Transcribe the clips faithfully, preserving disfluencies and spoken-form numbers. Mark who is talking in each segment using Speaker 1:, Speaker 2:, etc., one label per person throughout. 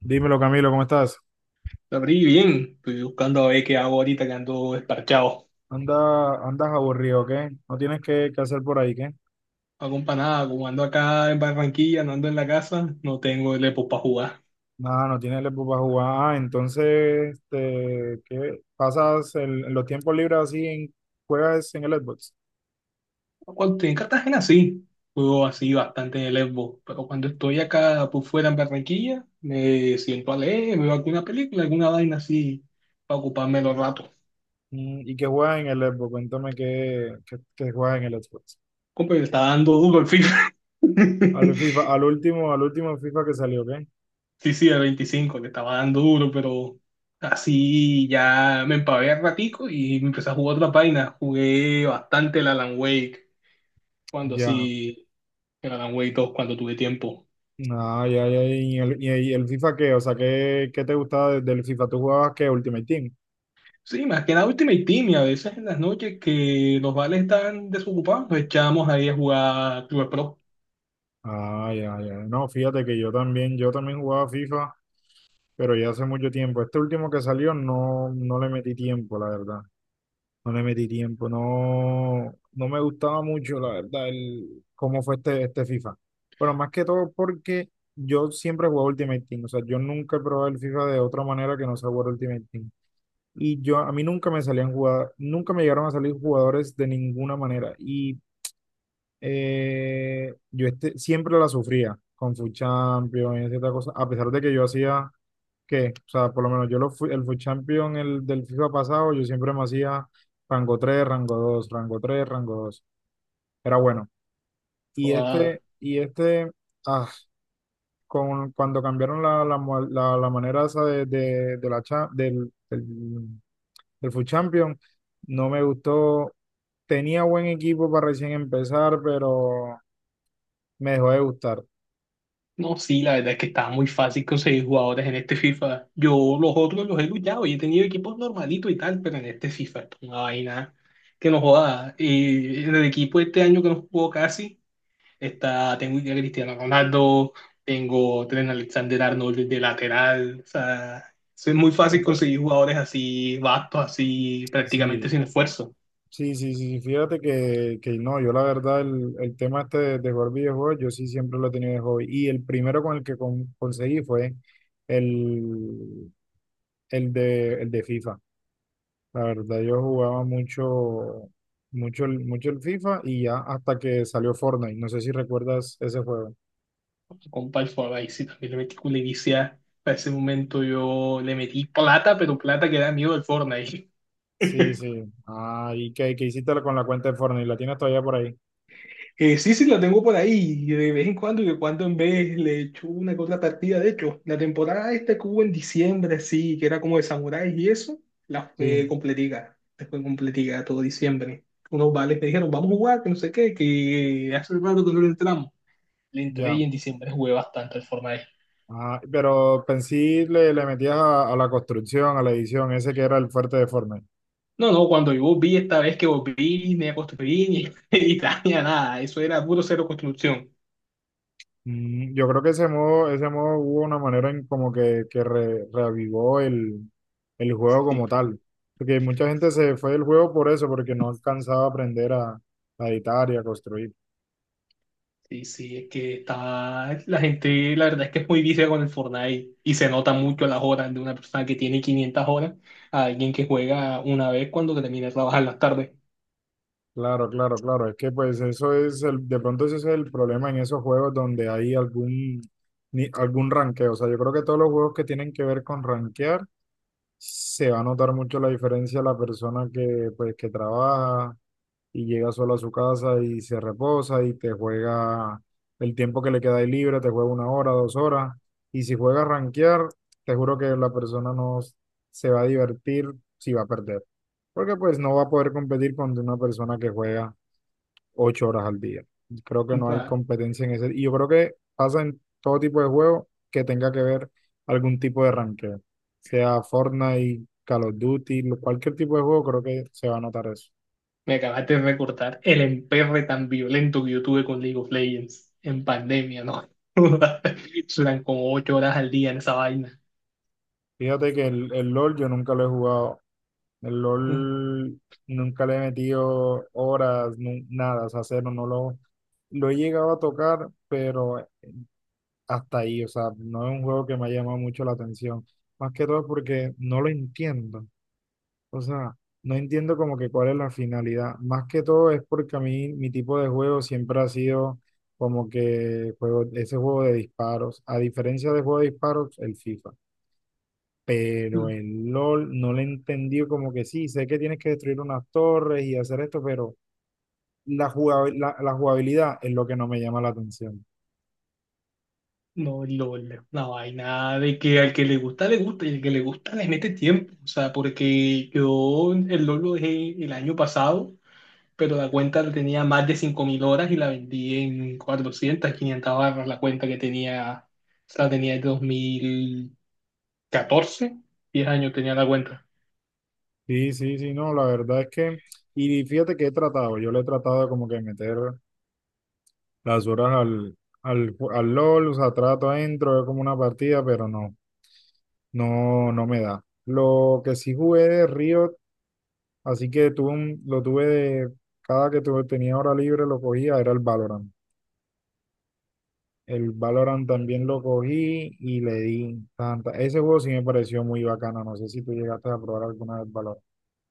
Speaker 1: Dímelo, Camilo, ¿cómo estás?
Speaker 2: La abrí bien, estoy buscando a ver qué hago ahorita que ando desparchado.
Speaker 1: Anda, andas aburrido, ¿qué? No tienes que, que hacer por ahí, ¿qué?
Speaker 2: No hago pa' nada, como ando acá en Barranquilla, no ando en la casa, no tengo el Epo para jugar.
Speaker 1: Nada, no tienes el para jugar. Ah, entonces, este, ¿qué? ¿Pasas el- en los tiempos libres así en, juegas en el Xbox?
Speaker 2: Cuando estoy en Cartagena sí, juego así bastante en el Epo, pero cuando estoy acá por fuera en Barranquilla, me siento a leer, me veo alguna película, alguna vaina así, para ocuparme los
Speaker 1: Mm,
Speaker 2: ratos.
Speaker 1: mm. ¿Y qué juegas en el Xbox? Cuéntame qué, qué, qué juegas en el Xbox.
Speaker 2: Compa, le está dando duro el FIFA.
Speaker 1: Al FIFA, al último, al último FIFA que salió, ¿qué?
Speaker 2: Sí, sí, el veinticinco, le estaba dando duro, pero así ya me empavé al ratico y me empecé a jugar otra página. Jugué bastante el Alan Wake, cuando
Speaker 1: Ya.
Speaker 2: sí, el Alan Wake dos cuando tuve tiempo.
Speaker 1: Ah, ya, ya. ¿Y el, y el FIFA qué? O sea, ¿qué, qué te gustaba de- del FIFA? ¿Tú jugabas qué? Ultimate Team.
Speaker 2: Sí, más que nada Ultimate Team, y a veces en las noches que los vales están desocupados, nos echamos ahí a jugar Club
Speaker 1: Ah, ya, ya. No, fíjate que yo también, yo también jugaba FIFA, pero ya hace mucho tiempo. Este último que salió no, no le metí tiempo, la verdad. No le metí tiempo. No, no me gustaba mucho, la verdad, el, cómo fue este, este FIFA. Pero más que todo porque yo siempre jugaba Ultimate Team. O sea, yo nunca he probado el FIFA de otra manera que no sea jugar Ultimate Team. Y yo, a mí nunca me salían jugadas, nunca me llegaron a salir jugadores de ninguna manera. Y eh, yo este, siempre la sufría con Food Champion y cierta cosa, a pesar de que yo hacía que, o sea, por lo menos yo lo fui, el Food Champion el, del FIFA pasado, yo siempre me hacía rango tres rango dos rango tres rango dos. Era bueno. Y
Speaker 2: Pro.
Speaker 1: este, y este, ah, con, cuando cambiaron la, la, mo- la- la manera esa de, de, de la cha- del, del, del Food Champion, no me gustó. Tenía buen equipo para recién empezar, pero me dejó de gustar.
Speaker 2: No, sí, la verdad es que está muy fácil conseguir jugadores en este FIFA. Yo los otros los he luchado y he tenido equipos normalitos y tal, pero en este FIFA esto es una vaina que no joda. Y en el equipo este año que no jugó casi, está, tengo a Cristiano Ronaldo, tengo a Trent Alexander-Arnold de lateral. O sea, es muy fácil conseguir jugadores así, vastos, así, prácticamente
Speaker 1: Sí,
Speaker 2: sin esfuerzo.
Speaker 1: sí, sí, sí, sí, fíjate que, que no, yo la verdad el, el tema este de, de jugar videojuegos, yo sí siempre lo he tenido de hobby. Y el primero con el que con- conseguí fue el, el de, el de FIFA. La verdad, yo jugaba mucho, mucho, el- mucho el FIFA y ya hasta que salió Fortnite. No sé si recuerdas ese juego.
Speaker 2: Compa, el Forsyth, y también le metí culevicia. Para ese momento yo le metí plata, pero plata que da miedo el Fortnite.
Speaker 1: Sí, sí. Ah, ¿y qué, qué hiciste con la cuenta de Fortnite? ¿La tienes todavía por ahí?
Speaker 2: Eh, sí, sí, la tengo por ahí. y De vez en cuando, y de cuando en vez le echo una que otra partida. De hecho, la temporada esta que hubo en diciembre, sí, que era como de samuráis y eso, la fue
Speaker 1: Sí,
Speaker 2: completica. Después completica todo diciembre. Unos vales me dijeron, vamos a jugar, que no sé qué, que hace rato que no le entramos. Le entré
Speaker 1: ya.
Speaker 2: y en diciembre jugué bastante el Fortnite.
Speaker 1: Ah, pero pensé le, le metías a, a la construcción, a la edición, ese que era el fuerte de Fortnite.
Speaker 2: No, no, cuando yo vi esta vez que volví, me construí y, y nada, eso era puro cero construcción.
Speaker 1: Mm, yo creo que ese modo, ese modo hubo una manera en como que, que re- reavivó el, el juego
Speaker 2: Sí,
Speaker 1: como tal. Porque mucha gente se fue del juego por eso, porque no alcanzaba a aprender a, a editar y a construir.
Speaker 2: sí, sí, es que está. La gente, la verdad es que es muy vicia con el Fortnite y se nota mucho las horas de una persona que tiene quinientas horas a alguien que juega una vez cuando termina de trabajar las tardes.
Speaker 1: Claro, claro, claro. Es que pues eso es el, de pronto ese es el problema en esos juegos donde hay algún, ni- algún ranqueo. O sea, yo creo que todos los juegos que tienen que ver con ranquear, se va a notar mucho la diferencia la persona que pues que trabaja y llega solo a su casa y se reposa y te juega el tiempo que le queda ahí libre, te juega una hora, dos horas. Y si juega a rankear, te juro que la persona no s- se va a divertir, si va a perder. Porque pues no va a poder competir con una persona que juega ocho horas al día. Creo que no
Speaker 2: Compa,
Speaker 1: hay competencia en ese. Y yo creo que pasa en todo tipo de juego que tenga que ver algún tipo de ranqueo, sea Fortnite, Call of Duty, lo- cualquier tipo de juego, creo que se va a notar eso.
Speaker 2: me acabaste de recordar el emperre tan violento que yo tuve con League of Legends en pandemia, ¿no? Eran como ocho horas al día en esa vaina.
Speaker 1: Fíjate que el, el LOL yo nunca lo he jugado. El LOL nunca le he metido horas, nu- nada, o sea, cero, no lo, lo he llegado a tocar, pero hasta ahí, o sea, no es un juego que me ha llamado mucho la atención. Más que todo porque no lo entiendo. O sea, no entiendo como que cuál es la finalidad. Más que todo es porque a mí mi tipo de juego siempre ha sido como que juego, ese juego de disparos. A diferencia de juego de disparos, el FIFA. Pero el LOL no le entendí como que sí, sé que tienes que destruir unas torres y hacer esto, pero la jugabil- la, la jugabilidad es lo que no me llama la atención.
Speaker 2: No, LOL, una vaina de que al que le gusta, le gusta, y al que le gusta, le mete tiempo. O sea, porque yo el LOL lo dejé el año pasado, pero la cuenta tenía más de cinco mil horas y la vendí en cuatrocientas, quinientas barras. La cuenta que tenía, o sea, la tenía desde dos mil catorce, diez años tenía la cuenta.
Speaker 1: Sí, sí, sí, no, la verdad es que, y fíjate que he tratado, yo le he tratado como que meter las horas al, al, ju- al LOL, o sea, trato adentro, es como una partida, pero no, no, no me da. Lo que sí jugué de Riot, así que tuve un- lo tuve de, cada que tuve, tenía hora libre lo cogía, era el Valorant. El Valorant también lo cogí y le di tanta. Ese juego sí me pareció muy bacana, no sé si tú llegaste a probar alguna vez Valorant.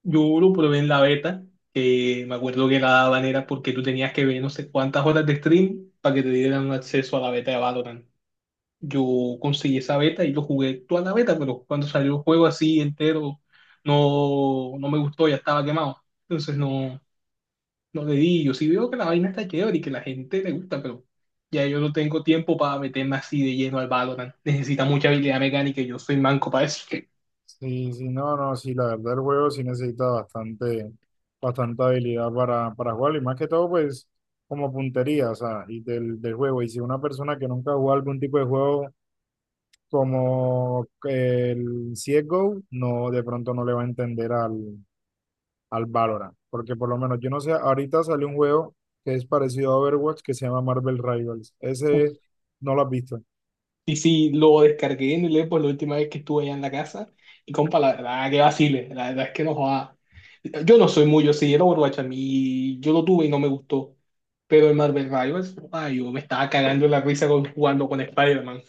Speaker 2: Yo lo probé en la beta, que me acuerdo que la daban era porque tú tenías que ver no sé cuántas horas de stream para que te dieran un acceso a la beta de Valorant. Yo conseguí esa beta y lo jugué toda la beta, pero cuando salió el juego así entero, no, no me gustó, ya estaba quemado. Entonces no, los dedillos. Sí veo que la vaina está chévere y que la gente le gusta, pero ya yo no tengo tiempo para meterme así de lleno al Valorant. Necesita mucha habilidad mecánica y yo soy manco para eso.
Speaker 1: Sí, sí, no, no, sí, la verdad el juego sí necesita bastante, bastante habilidad para, para jugar y más que todo pues como puntería, o sea, y del, del juego. Y si una persona que nunca ha jugado algún tipo de juego como el C S G O, no, de pronto no le va a entender al, al Valorant, porque por lo menos yo no sé, ahorita salió un juego que es parecido a Overwatch, que se llama Marvel Rivals.
Speaker 2: Uf,
Speaker 1: Ese no lo has visto.
Speaker 2: y sí, lo descargué en el Xbox la última vez que estuve allá en la casa. Y compa, la verdad que vacile, la verdad es que no joda. Yo no soy muy, yo sí, el Overwatch a mí, yo lo tuve y no me gustó. Pero el Marvel Rivals, ay, yo me estaba cagando en la risa con- jugando con Spider-Man.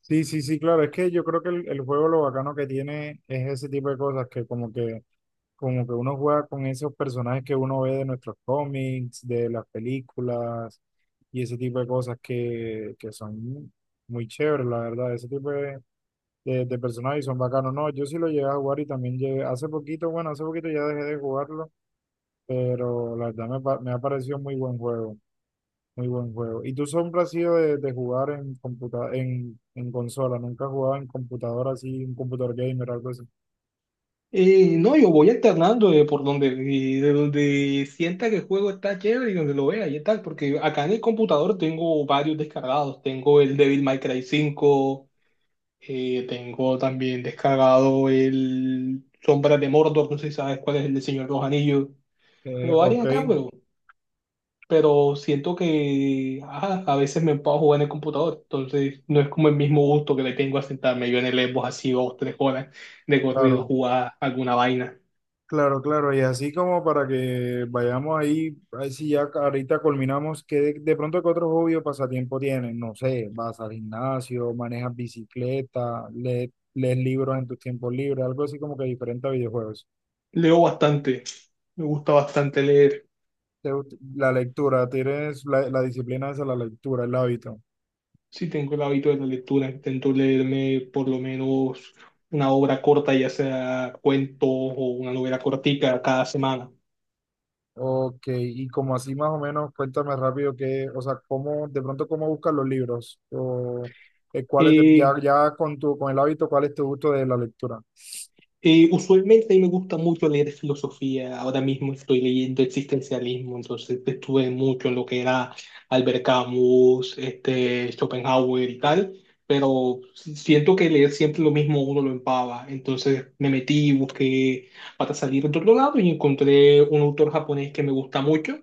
Speaker 1: Sí, sí, sí, claro, es que yo creo que el, el juego lo bacano que tiene es ese tipo de cosas que como que Como que uno juega con esos personajes que uno ve de nuestros cómics, de las películas, y ese tipo de cosas que, que son muy chéveres, la verdad. Ese tipo de, de, de personajes son bacanos. No, yo sí lo llegué a jugar y también llegué, hace poquito, bueno, hace poquito ya dejé de jugarlo, pero la verdad me, pa- me ha parecido muy buen juego, muy buen juego. ¿Y tú siempre has sido de, de jugar en, computa en, en consola? ¿Nunca has jugado en computadora así, un computador gamer, algo así?
Speaker 2: Eh, no, yo voy alternando de por donde, y de donde sienta que el juego está chévere y donde lo vea y tal, porque acá en el computador tengo varios descargados. Tengo el Devil May Cry cinco, eh, tengo también descargado el Sombras de Mordor, no sé si sabes cuál es el del Señor de los Anillos.
Speaker 1: Eh,
Speaker 2: Tengo varios
Speaker 1: ok,
Speaker 2: acá, pero, pero siento que ajá, a veces me puedo jugar en el computador, entonces no es como el mismo gusto que le tengo a sentarme yo en el Xbox así dos, tres horas de corrido
Speaker 1: claro.
Speaker 2: jugar alguna vaina.
Speaker 1: Claro, claro, y así como para que vayamos ahí, a ver si ya ahorita culminamos, que de, de pronto que otro hobby o pasatiempo tienes, no sé, vas al gimnasio, manejas bicicleta, lees, lees libros en tus tiempos libres, algo así como que diferente a videojuegos.
Speaker 2: Leo bastante, me gusta bastante leer.
Speaker 1: Te gust- La lectura, tienes la, la disciplina esa, la lectura, el hábito.
Speaker 2: Sí tengo el hábito de la lectura, intento leerme por lo menos una obra corta, ya sea cuentos o una novela cortica cada semana.
Speaker 1: Ok, y como así más o menos, cuéntame rápido que, o sea, cómo, de pronto cómo buscas los libros, o eh, cuáles, te- ya,
Speaker 2: Eh,
Speaker 1: ya con tu, con el hábito, cuál es tu gusto de la lectura,
Speaker 2: Eh, usualmente a mí me gusta mucho leer filosofía. Ahora mismo estoy leyendo existencialismo, entonces estuve mucho en lo que era Albert Camus, este, Schopenhauer y tal, pero si- siento que leer siempre lo mismo uno lo empava. Entonces me metí, busqué para salir de otro lado y encontré un autor japonés que me gusta mucho,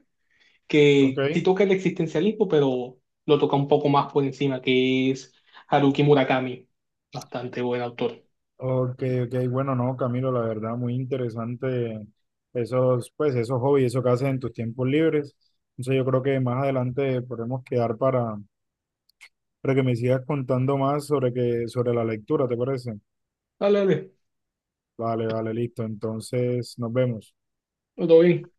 Speaker 2: que sí
Speaker 1: ¿ok?
Speaker 2: toca el existencialismo, pero lo toca un poco más por encima, que es Haruki Murakami. Bastante buen autor.
Speaker 1: Ok, ok, bueno, no, Camilo, la verdad, muy interesante esos, pues, esos hobbies, eso que haces en tus tiempos libres. Entonces yo creo que más adelante podemos quedar para, para que me sigas contando más sobre que, sobre la lectura, ¿te parece?
Speaker 2: Dale, dale,
Speaker 1: Vale, vale, listo. Entonces, nos vemos.
Speaker 2: todo bien.